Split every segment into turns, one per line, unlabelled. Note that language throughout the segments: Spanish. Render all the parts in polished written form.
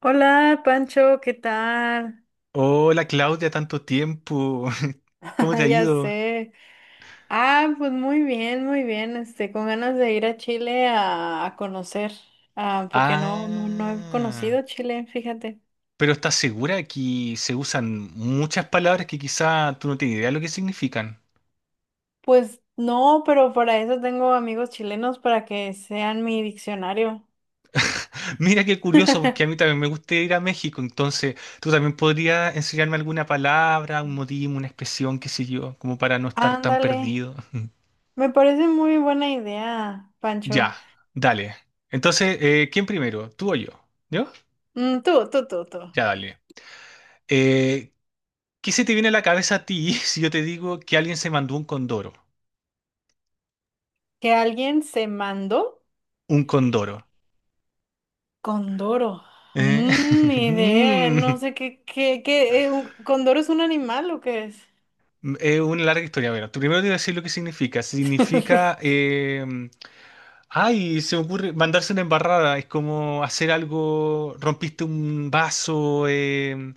Hola, Pancho, ¿qué tal?
Hola Claudia, tanto tiempo. ¿Cómo te
Ah,
ha
ya
ido?
sé. Ah, pues muy bien, muy bien. Este, con ganas de ir a Chile a conocer, ah, porque no he
Ah,
conocido Chile, fíjate.
pero ¿estás segura que se usan muchas palabras que quizá tú no tienes idea de lo que significan?
Pues no, pero para eso tengo amigos chilenos para que sean mi diccionario.
Mira qué curioso, porque a mí también me gusta ir a México, entonces tú también podrías enseñarme alguna palabra, un modismo, una expresión, qué sé yo, como para no estar tan
Ándale,
perdido.
me parece muy buena idea, Pancho.
Ya, dale. Entonces, ¿quién primero? ¿Tú o yo? ¿Yo?
Tú.
Ya, dale. Eh, ¿Qué se te viene a la cabeza a ti si yo te digo que alguien se mandó un condoro?
Que alguien se mandó.
Un condoro.
Condoro.
Eh,
Ni idea, no
mm,
sé qué, ¿Condoro es un animal o qué es?
es una larga historia. Bueno, tú primero te voy a decir lo que significa. Significa, ay, se me ocurre mandarse una embarrada. Es como hacer algo. Rompiste un vaso. eh,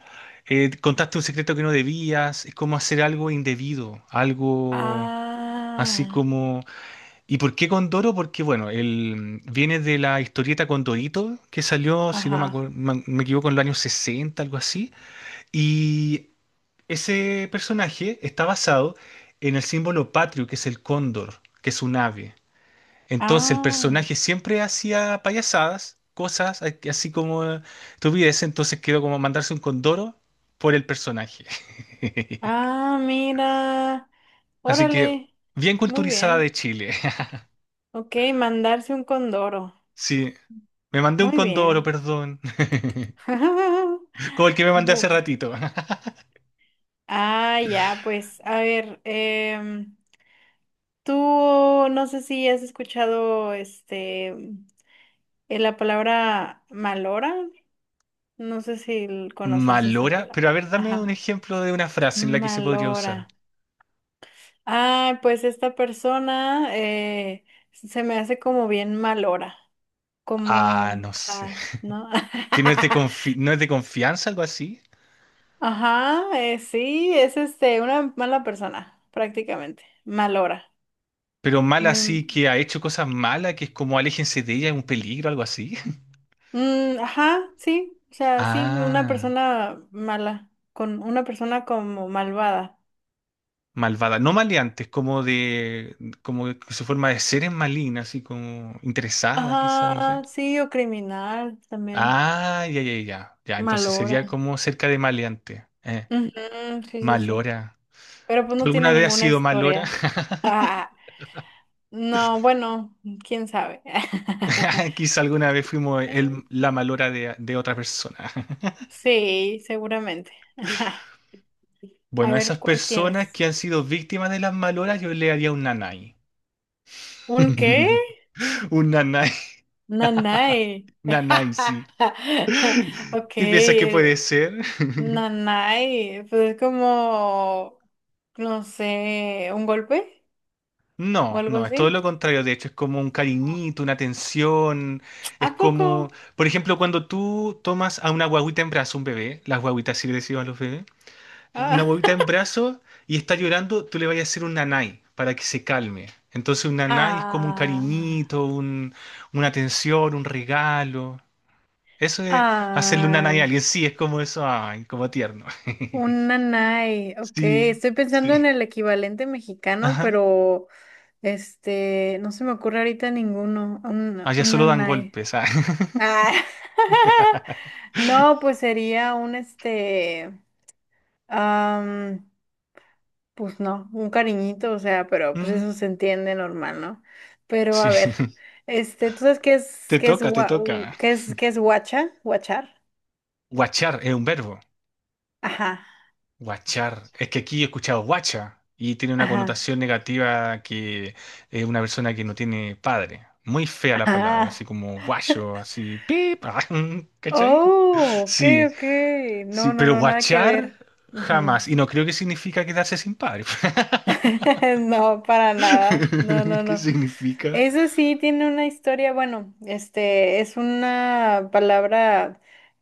eh, Contaste un secreto que no debías. Es como hacer algo indebido. Algo así
Ah,
como. ¿Y por qué Condoro? Porque, bueno, él viene de la historieta Condorito que salió, si no me,
ajá.
me equivoco, en los años 60, algo así. Y ese personaje está basado en el símbolo patrio, que es el cóndor, que es un ave. Entonces el
Ah,
personaje siempre hacía payasadas, cosas así como tuviese, entonces quedó como mandarse un condoro por el personaje.
ah, mira.
Así que
Órale.
bien
Muy
culturizada de
bien.
Chile.
Ok, mandarse un condoro.
Sí, me mandé un
Muy
condoro,
bien.
perdón. Como el que me mandé hace
Bu-
ratito.
Ah, ya, pues, a ver, tú no sé si has escuchado este la palabra malora. No sé si conoces esa
Malora, pero
palabra.
a ver, dame un
Ajá.
ejemplo de una frase en la que se podría usar.
Malora. Ah, pues esta persona se me hace como bien malora. Como,
Ah, no sé,
ajá, ¿no?
que no es de confianza, algo así.
Ajá, sí, es este, una mala persona, prácticamente. Malora.
Pero mala
Muy.
así que ha hecho cosas malas, que es como aléjense de ella, es un peligro, algo así.
Mm, ajá, sí. O sea, sí, una
Ah,
persona mala. Con una persona como malvada.
malvada. No, maleante, es como de, como que su forma de ser es maligna, así como interesada, quizás, no sé.
Ajá, sí, o criminal también.
Ah, ya, ya, ya. Ya, entonces
Malora.
sería como cerca de maleante.
Ujú, sí, sí, sí.
Malora.
Pero pues no tiene
¿Alguna vez ha
ninguna
sido malora?
historia. Ah, no, bueno, quién sabe.
Quizá alguna vez fuimos la malora de otra persona.
Sí, seguramente. A
Bueno, a
ver,
esas
¿cuál
personas
tienes?
que han sido víctimas de las maloras, yo le haría un nanay.
¿Un qué?
Un nanay.
Nanay.
Nanay, sí.
Ok,
¿Qué piensas que puede ser?
nanay. Pues es como, no sé, un golpe o
No,
algo
no, es todo
así.
lo contrario. De hecho, es como un cariñito, una atención.
¿A
Es
poco?
como, por ejemplo, cuando tú tomas a una guaguita en brazo, un bebé, las guaguitas sí le decimos a los bebés, una
Ah.
huevita en brazos y está llorando, tú le vayas a hacer un nanay para que se calme. Entonces un nanay es como un
Ah.
cariñito, una atención, un regalo. Eso de hacerle un nanay a
Ah.
alguien, sí, es como eso, ay, como tierno.
Un nanay, ok,
Sí,
estoy
sí.
pensando en el equivalente mexicano,
Ajá.
pero este, no se me ocurre ahorita ninguno, un,
Allá
un
solo dan
nanay.
golpes, ah.
Ah. No, pues sería un este, am, pues no, un cariñito, o sea, pero pues
Mm,
eso se entiende normal, ¿no? Pero
sí.
a ver, este, ¿tú sabes
Te
qué es,
toca, te
gua-
toca.
u- qué es guacha? ¿Guachar?
Guachar es un verbo.
Ajá,
Guachar. Es que aquí he escuchado guacha y tiene una
ajá,
connotación negativa, que es una persona que no tiene padre. Muy fea la palabra, así
ajá.
como guacho, así pip, ¿cachai?
Oh, ok,
Sí,
ok.
sí,
No, no,
pero
no, nada que
guachar
ver. Ujú.
jamás. Y no creo que significa quedarse sin padre.
No, para nada. No, no,
¿Qué
no.
significa?
Eso sí tiene una historia, bueno, este es una palabra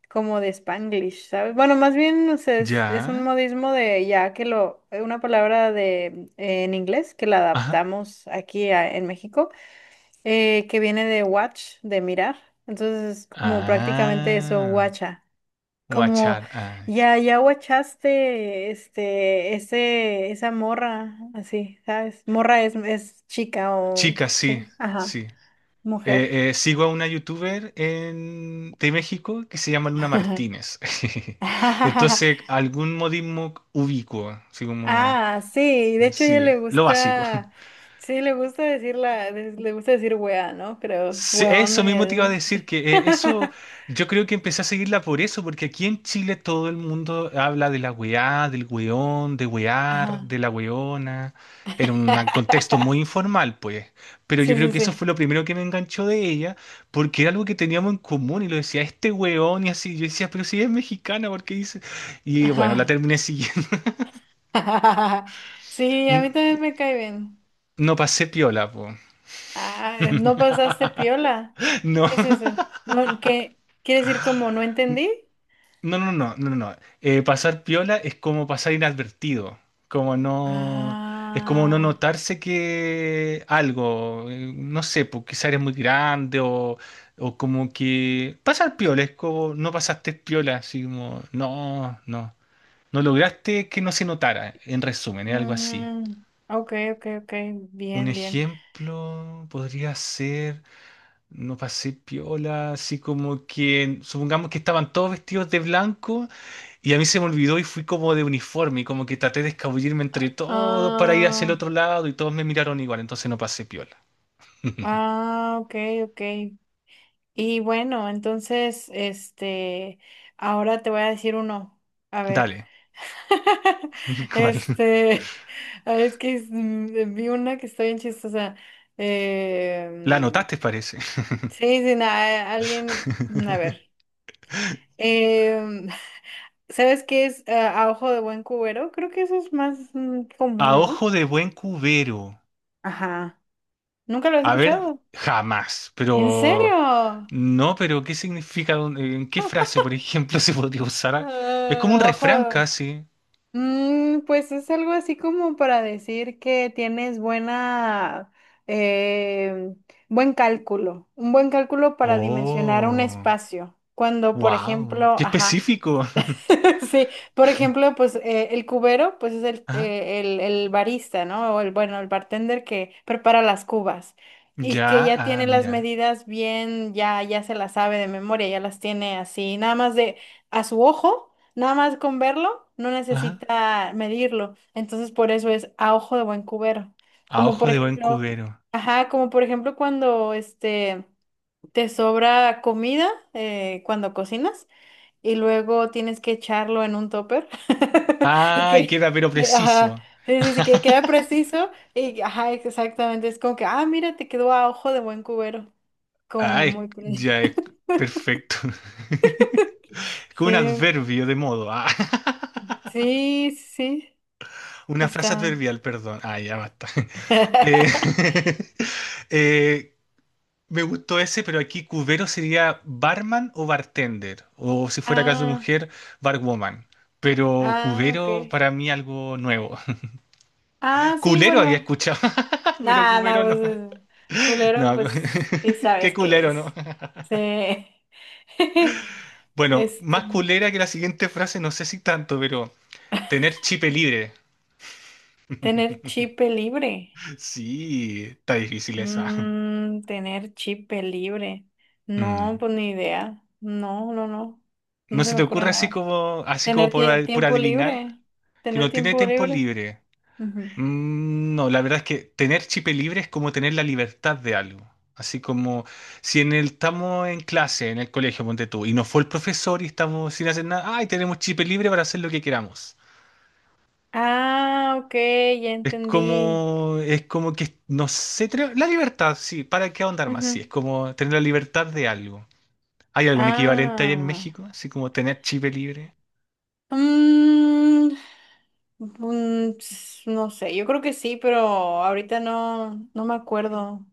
como de Spanglish, ¿sabes? Bueno, más bien o sea, es un
Ya.
modismo de ya que lo, una palabra de en inglés que la
Ajá.
adaptamos aquí en México, que viene de watch, de mirar. Entonces es como prácticamente eso,
Ah,
guacha. Como
guachar, ay.
ya, ya guachaste este, esa morra, así, ¿sabes? Morra es chica o
Chica, sí,
sí, ajá,
sí.
mujer.
Sigo a una youtuber de México que se llama Luna Martínez. Entonces, algún modismo ubicuo, así como,
Ah, sí, de hecho a ella
sí,
le
lo básico.
gusta, sí, le gusta decir le gusta decir wea, ¿no? Creo,
Sí,
weón.
eso mismo te iba a decir, que eso yo creo que empecé a seguirla por eso, porque aquí en Chile todo el mundo habla de la weá, del weón, de wear,
Ajá.
de la weona, en un contexto muy informal, pues. Pero yo
Sí,
creo
sí,
que eso fue
sí.
lo primero que me enganchó de ella, porque era algo que teníamos en común y lo decía este weón y así. Yo decía, pero si ella es mexicana, ¿por qué dice? Y bueno, la
Ajá.
terminé siguiendo.
Sí, a mí
N-
también me cae bien.
No pasé piola, pues.
Ah, no pasaste piola.
No.
¿Qué es eso? No, ¿qué? ¿Quiere decir como no entendí?
No, no, no, no, no, no. Pasar piola es como pasar inadvertido, como no, es como no
Ah,
notarse que algo, no sé, porque quizás eres muy grande o como que pasar piola es como no pasaste piola, así como no, no, no lograste que no se notara, en resumen, es algo así.
mm, ok, ok, ok,
Un
bien, bien.
ejemplo podría ser, no pasé piola, así como que supongamos que estaban todos vestidos de blanco y a mí se me olvidó y fui como de uniforme, y como que traté de escabullirme entre todos para ir hacia el
Ah,
otro lado y todos me miraron igual, entonces no pasé piola.
ah, ok, ok. Y bueno, entonces, este, ahora te voy a decir uno. A ver.
Dale, ¿cuál?
Este, ay, es que vi una que está bien chistosa.
La
Eh,
notaste parece.
mm, sí, sí, alguien, a ver. Em, ¿Sabes qué es a ojo de buen cubero? Creo que eso es más
A
común, ¿no?
ojo de buen cubero.
Ajá. ¿Nunca lo has
A ver,
escuchado?
jamás,
¿En
pero
serio?
no, pero ¿qué significa? ¿En qué frase, por ejemplo, se podría usar? Es como un
Ah,
refrán
ojo.
casi.
Pues es algo así como para decir que tienes buena, eh, buen cálculo, un buen cálculo para dimensionar un
Oh,
espacio. Cuando, por
wow,
ejemplo,
qué
ajá.
específico.
Sí, por ejemplo, pues el cubero, pues es el,
Ah,
eh, el, el barista, ¿no? O el, bueno, el bartender que prepara las cubas y que
ya,
ya
ah,
tiene las
mira.
medidas bien, ya, ya se las sabe de memoria, ya las tiene así, nada más de a su ojo, nada más con verlo, no necesita medirlo. Entonces, por eso es a ojo de buen cubero.
A
Como
ojo
por
de buen
ejemplo,
cubero.
ajá, como por ejemplo cuando este te sobra comida cuando cocinas y luego tienes que echarlo en un topper y
Ay,
que,
queda
y
pero
que,
preciso.
ajá, sí, sí, sí, que queda preciso y ajá, exactamente, es como que, ah, mira, te quedó a ojo de buen cubero, como
Ay,
muy
ya es perfecto. Con un
Sí,
adverbio de modo. Ah.
sí, sí,
Una frase
está.
adverbial, perdón. Ah, ya basta. Eh, eh, me gustó ese, pero aquí cubero sería barman o bartender. O si fuera caso de
Ah,
mujer, barwoman. Pero
ah, ok.
cubero para mí algo nuevo.
Ah, sí,
Culero había
bueno,
escuchado, pero
nada, nada,
cubero no.
pues culero,
No,
pues sí
qué
sabes qué
culero, ¿no?
es. Sí.
Bueno,
Este,
más culera que la siguiente frase, no sé si tanto, pero tener chip libre.
tener chip libre.
Sí, está difícil esa.
Tener chip libre. No,
Mm.
pues ni idea. No, no, no. No
¿No
se
se
me
te
ocurre
ocurre
nada.
así como
Tener
por, por
tiempo
adivinar
libre.
que
Tener
no tiene
tiempo
tiempo
libre.
libre?
Ujú.
Mm, no, la verdad es que tener chip libre es como tener la libertad de algo. Así como si en el, estamos en clase, en el colegio, ponte tú, y no fue el profesor y estamos sin hacer nada, ay, tenemos chip libre para hacer lo que queramos.
Ah, ok, ya entendí.
Es como que, no sé, la libertad, sí, ¿para qué ahondar más? Sí,
Ujú.
es como tener la libertad de algo. ¿Hay algún equivalente ahí en
Ah.
México? Así como tener chip libre.
Mm, Ps, no sé, yo creo que sí, pero ahorita no, no me acuerdo.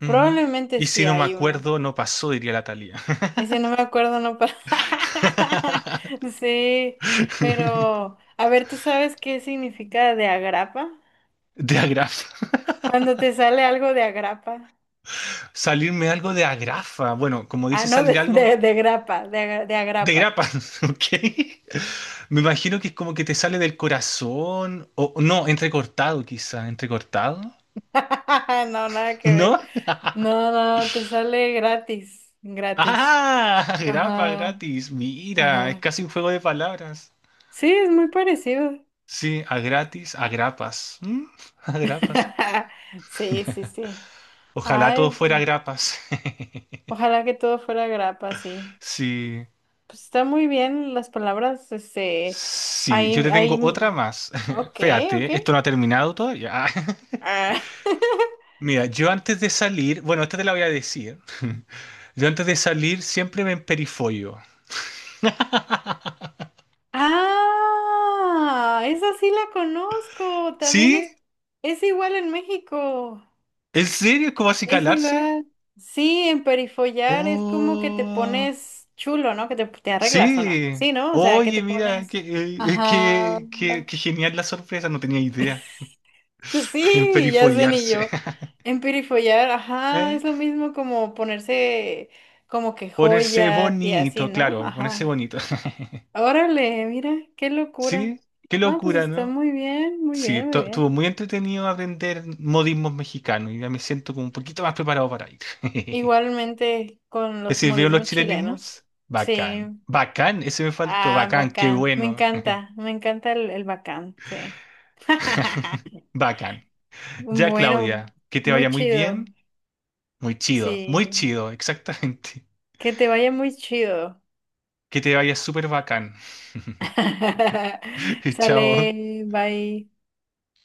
Ujú.
Probablemente
Y si
sí
no me
hay uno.
acuerdo, no pasó, diría la Thalía.
Y si no me acuerdo, no pasa. Sí, pero a ver, ¿tú sabes qué significa de agrapa?
De agrafa.
Cuando te sale algo de agrapa.
Salirme algo de agrafa. Bueno, como
Ah,
dice
no,
salir
de,
algo
de, de grapa, de
de
agrapa.
grapa, ¿ok? Me imagino que es como que te sale del corazón, o no, entrecortado quizá, entrecortado,
No, nada que ver.
¿no?
No, no, te sale gratis, gratis.
Ah, grapa
Ajá,
gratis. Mira, es
ajá.
casi un juego de palabras.
Sí, es muy parecido.
Sí, a gratis, a grapas. ¿Mm? A grapas.
Sí, sí, sí.
Ojalá todo
Ay,
fuera grapas.
ojalá que todo fuera grapa, sí.
Sí,
Pues está muy bien las palabras, este,
sí,
ahí,
yo te tengo
ahí,
otra más.
ok, ok.
Espérate, esto no ha terminado todavía.
Ah.
Mira, yo antes de salir, bueno, esta te la voy a decir. Yo antes de salir siempre me emperifollo.
Ah, esa sí la conozco, también
¿Sí?
es igual en México,
¿En serio? ¿Es como así
es
calarse?
igual. Sí, en perifollar es como que te
Oh.
pones chulo, ¿no? Que te arreglas o no.
Sí,
Sí, ¿no? O sea, que
oye,
te
mira, que,
pones. Ajá.
que genial la sorpresa, no tenía idea.
Sí, ya sé, ni
Perifollarse,
yo. Emperifollar, ajá,
¿eh?
es lo mismo como ponerse como que
Ponerse
joyas y así,
bonito,
¿no?
claro, ponerse
Ajá.
bonito.
Órale, mira, qué locura.
Sí, qué
Ah, pues
locura,
está
¿no?
muy bien, muy
Sí,
bien, muy
estuvo
bien.
muy entretenido aprender modismos mexicanos y ya me siento como un poquito más preparado para ir.
Igualmente con
¿Te
los
sirvieron los
modismos chilenos.
chilenismos?
Sí.
Bacán, bacán, ese me faltó,
Ah,
bacán, qué
bacán.
bueno.
Me encanta el bacán, sí.
Bacán. Ya,
Bueno,
Claudia, que te
muy
vaya muy bien.
chido.
Muy
Sí.
chido, exactamente.
Que te vaya muy chido.
Que te vaya súper bacán. Chao.
Sale, bye.